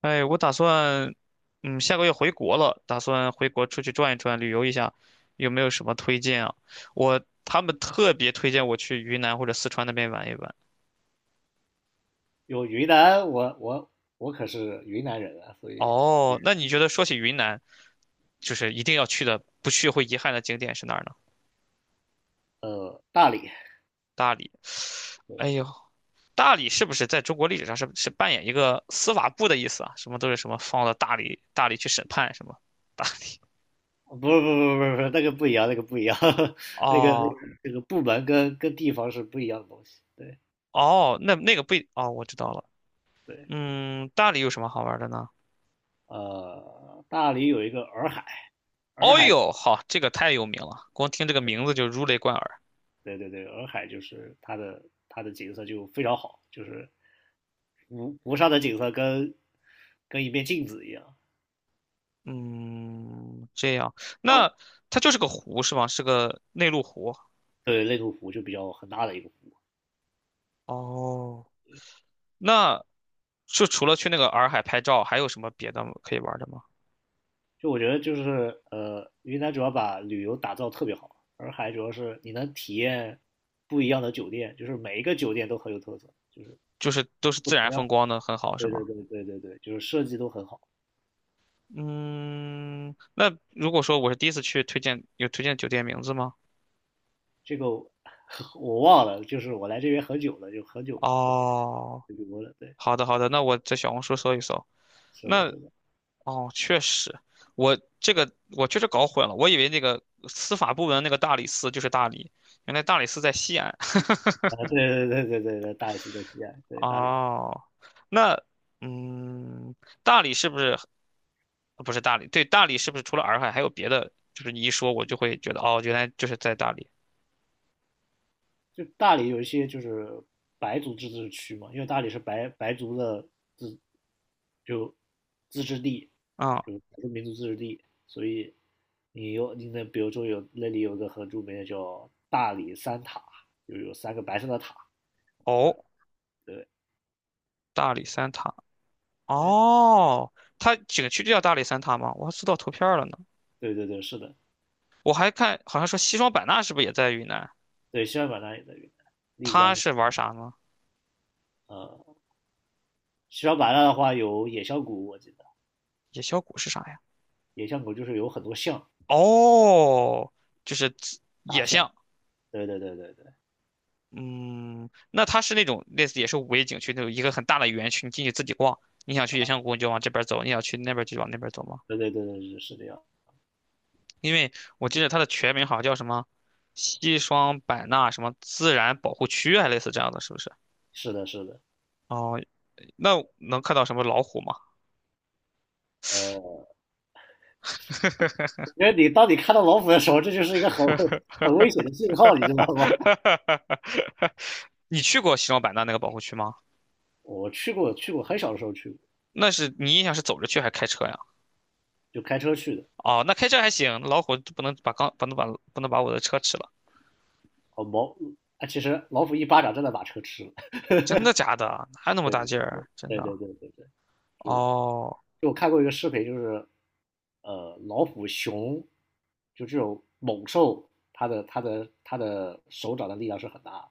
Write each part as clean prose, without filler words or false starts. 哎，我打算，嗯，下个月回国了，打算回国出去转一转，旅游一下，有没有什么推荐啊？我，他们特别推荐我去云南或者四川那边玩一玩。有云南，我可是云南人啊，所以哦，那你觉得说起云南，就是一定要去的，不去会遗憾的景点是哪儿呢？大理，大理。哎对，呦，大理是不是在中国历史上是扮演一个司法部的意思啊？什么都是什么放到大理，大理去审判什么？大 不是那个不一样，那个不一样，那个那个哦那个部门跟地方是不一样的东西。对哦，那个不一，哦，我知道了。对，嗯，大理有什么好玩的呢？大理有一个洱海，洱哦海，呦，好，这个太有名了，光听这个名字就如雷贯耳。对对对，洱海就是它的景色就非常好，就是湖上的景色跟一面镜子一样。嗯，这样，那它就是个湖是吗？是个内陆湖。对，内陆湖就比较很大的一个湖，哦，那就除了去那个洱海拍照，还有什么别的可以玩的吗？就我觉得就是云南主要把旅游打造特别好，洱海主要是你能体验不一样的酒店，就是每一个酒店都很有特色，就是就是都是不自同然风样。光的，很好是对对吗？对对对对，就是设计都很好。嗯，那如果说我是第一次去，推荐有推荐酒店名字吗？这个我 我忘了，就是我来这边很久了，就很久没哦，旅游了。对，好的好的，那我在小红书搜一搜。是的，那是的，哦，确实，我这个我确实搞混了，我以为那个司法部门那个大理寺就是大理，原来大理寺在西安。啊，对对对对对对，大理寺在西安，对大理寺。哦，那嗯，大理是不是不是大理？对，大理是不是除了洱海还有别的？就是你一说，我就会觉得哦，原来就是在大理。就大理有一些就是白族自治区嘛，因为大理是白族的自就自治地，啊、就少数民族自治地，所以你有你那比如说有那里有个很著名的叫大理三塔，就有三个白色的塔，对哦，对大理三塔。对哎哦，它景区就叫大理三塔吗？我还搜到图片儿了呢。对对对，是的，我还看，好像说西双版纳是不是也在云南？对西双版纳也在云南，丽它江是玩啥呢？呃西双版纳的话有野象谷，我记得野小谷是啥呀？野象谷就是有很多象，哦，就是自野象，对对对对对嗯，那它是那种类似也是5A 景区那种一个很大的园区，你进去自己逛，你想去野象谷你就往这边走，你想去那边就往那边走吗？对对对对是这样，因为我记得它的全名好像叫什么西双版纳什么自然保护区，还类似这样的，是不是？是的是的。哦，那能看到什么老虎吗？呃。因为你当你看到老虎的时候，这就是一个很危险的信号，你知道吗？你去过西双版纳那个保护区吗？我去过，去过，很小的时候去过，那是你印象是走着去还是开车呀？就开车去的。哦，那开车还行，老虎不能把刚不能把不能把我的车吃了，哦，毛，啊，其实老虎一巴掌真的把车吃了。真的假的？对对对对哪有那么大劲儿啊？真的？对对对对就哦就我看过一个视频，就是老虎、熊，就这种猛兽，它的手掌的力量是很大的。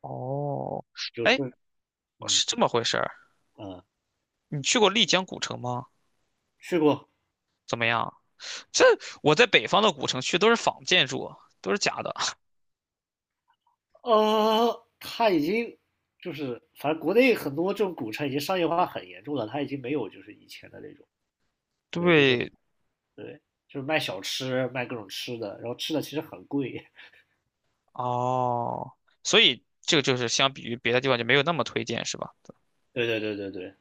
哦，就是哎，嗯是这么回事儿。呃，你去过丽江古城吗？去过。怎么样？这我在北方的古城去都是仿建筑，都是假的。它已经就是反正国内很多这种古城已经商业化很严重了，它已经没有就是以前的那种，对，就是对，对，就是卖小吃，卖各种吃的，然后吃的其实很贵。哦，所以这个就是相比于别的地方就没有那么推荐，是吧？对对对对对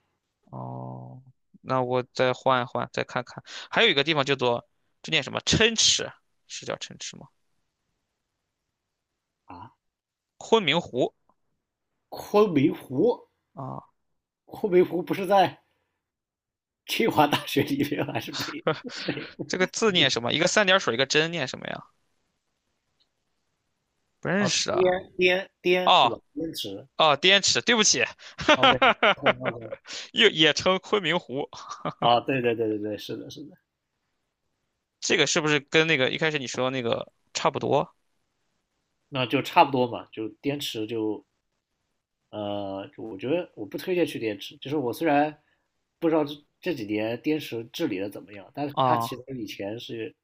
哦，那我再换一换，再看看，还有一个地方叫做这念什么？琛池，是叫琛池吗？啊，昆明湖。昆明湖，啊，昆明湖不是在 清华大学里面还是北？这个字念什么？一个三点水，一个真，念什么呀？不认哦，识啊。滇是哦吧？滇池哦，滇池，对不起，，OK，OK，OK。又也称昆明湖。啊，对对对对对，是的，是的，这个是不是跟那个一开始你说那个差不多那就差不多嘛，就滇池就我觉得我不推荐去滇池，就是我虽然不知道这几年滇池治理的怎么样，但是它啊？其实以前是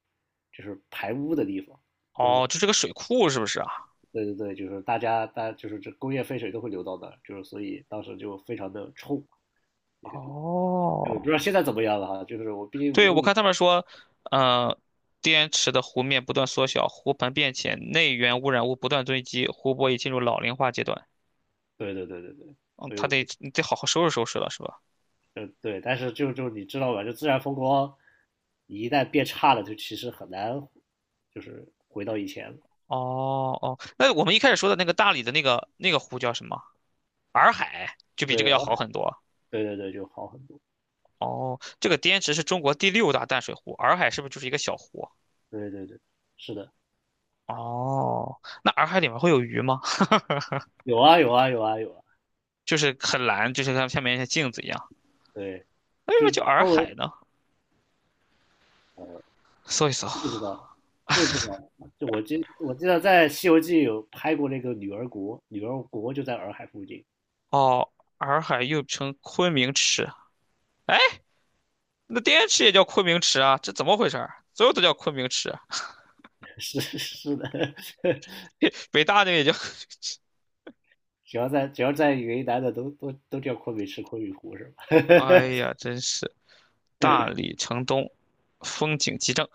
就是排污的地方，就是哦，这是个水库是不是啊？对对对，就是大家大就是这工业废水都会流到那儿，就是所以当时就非常的臭，那个就哦，不知道现在怎么样了哈，就是我毕竟五对，六我年，看他们说，嗯，滇池的湖面不断缩小，湖盆变浅，内源污染物不断堆积，湖泊已进入老龄化阶段。对对对对对，嗯，所以他我得不你得好好收拾收拾了，是吧？对，但是就你知道吧，就自然风光一旦变差了，就其实很难就是回到以前了。哦哦，那我们一开始说的那个大理的那个那个湖叫什么？洱海就比这对，个要好很多。对对对，就好很多。哦，这个滇池是中国第六大淡水湖，洱海是不是就是一个小湖？对对对，是的，哦，那洱海里面会有鱼吗？有啊有啊有啊有啊，就是很蓝，就是它下面像镜子一样。对，为什就么叫洱周海围呢？搜一搜。不知道，这个不知道。就我记得在《西游记》有拍过那个女儿国，女儿国就在洱海附近。哦，洱海又称昆明池。哎，那滇池也叫昆明池啊？这怎么回事儿？所有都叫昆明池啊，是的，北大那个也叫……只要在云南的都叫昆明池、昆明湖是吧？哎呀，真是大理城东，风景极正。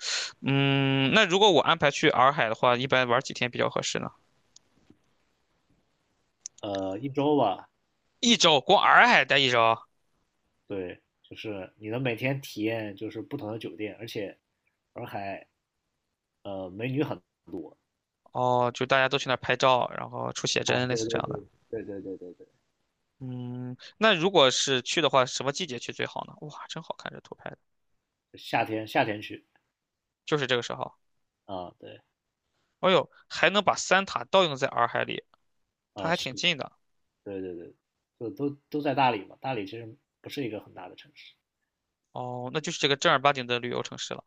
嗯，那如果我安排去洱海的话，一般玩几天比较合适呢？一周吧，一周，光洱海待一周。对，就是你能每天体验就是不同的酒店，而且洱海美女很多哦，就大家都去那儿拍照，然后出写啊，真，类对似对这对样的。对对对对。嗯，那如果是去的话，什么季节去最好呢？哇，真好看这图拍的，夏天去就是这个时候。啊，对哎呦，还能把三塔倒映在洱海里，它啊还是，挺近的。对对对，都在大理嘛，大理其实不是一个很大的城市，哦，那就是这个正儿八经的旅游城市了，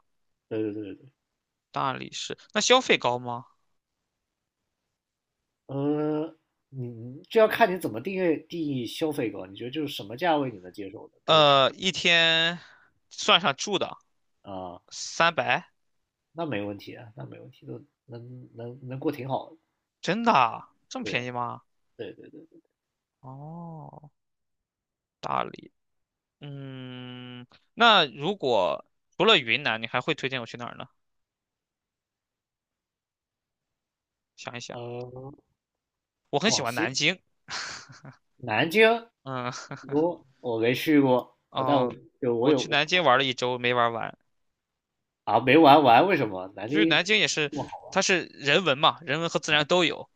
对对对对，大理市。那消费高吗？呃，你这要看你怎么定义消费高，你觉得就是什么价位你能接受的，比如吃呃，一天算上住的啊，300，那没问题啊，那没问题，都能过挺好的，真的啊这么对便啊宜吗？对对对，哦，大理。嗯，那如果除了云南，你还会推荐我去哪儿呢？想一想，呃，我很喜广欢西南京。南京，嗯，我没去过，我但我哦，就我我有去南京玩了一周，没玩完。啊没玩完，为什么南就是南京？京也是，哇，它是人文嘛，人文和自然都有。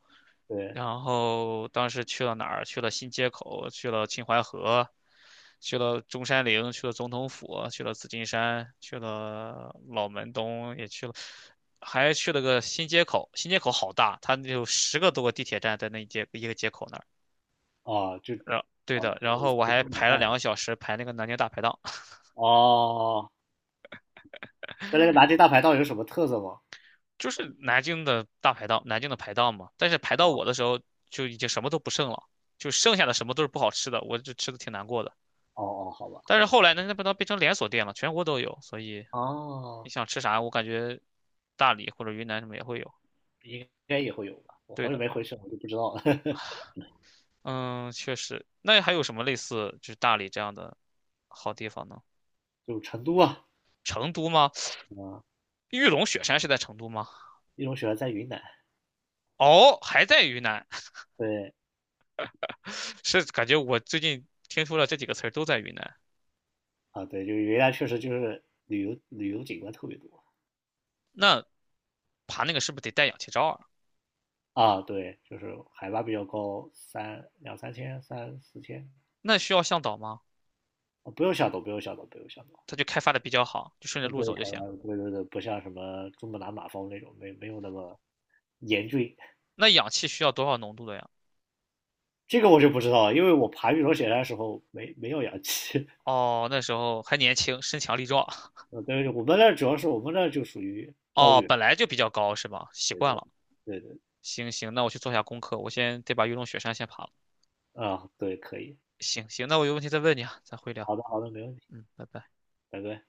对，然后当时去了哪儿？去了新街口，去了秦淮河，去了中山陵，去了总统府，去了紫金山，去了老门东，也去了，还去了个新街口。新街口好大，它有10多个地铁站在那一街一个街口那儿。哦，就然对哦，的，然就后是我北还京烤排了蛋。2个小时排那个南京大排档，哦，那拿铁大排档有什么特色吗？就是南京的大排档，南京的排档嘛。但是排到哦我的时候就已经什么都不剩了，就剩下哦的什么都是不好吃的，我就吃的挺难过的。哦，好吧但好是吧。后来呢，那不都变成连锁店了，全国都有，所以你哦，想吃啥，我感觉大理或者云南什么也会有。应该也会有吧。我对好久的，没回去了，我就不知道了。嗯，确实。那还有什么类似就是大理这样的好地方呢？就成都啊，成都吗？啊，玉龙雪山是在成都吗？一种喜欢在云南。哦，还在云南，对 是感觉我最近听说了这几个词儿都在云南。啊，对，就是云南确实就是旅游景观特别多爬那个是不是得带氧气罩啊？啊。对，就是海拔比较高，三两三千、三四千。那需要向导吗？啊，不用下抖。它就开发的比较好，就顺着嗯，路对，走就凯行。莱，对对对，不像什么珠穆朗玛峰那种，没有那么严峻。那氧气需要多少浓度的呀？这个我就不知道了，因为我爬玉龙雪山的时候没有氧气。哦，那时候还年轻，身强力壮。嗯，对，我们那儿主要是我们那儿就属于，哦，本来就比较高是吧？习对惯对了。对对，行行，那我去做下功课，我先得把玉龙雪山先爬了。啊，对，可以，行行，那我有问题再问你啊，咱回聊。好的好的，没问题，嗯，拜拜。拜拜。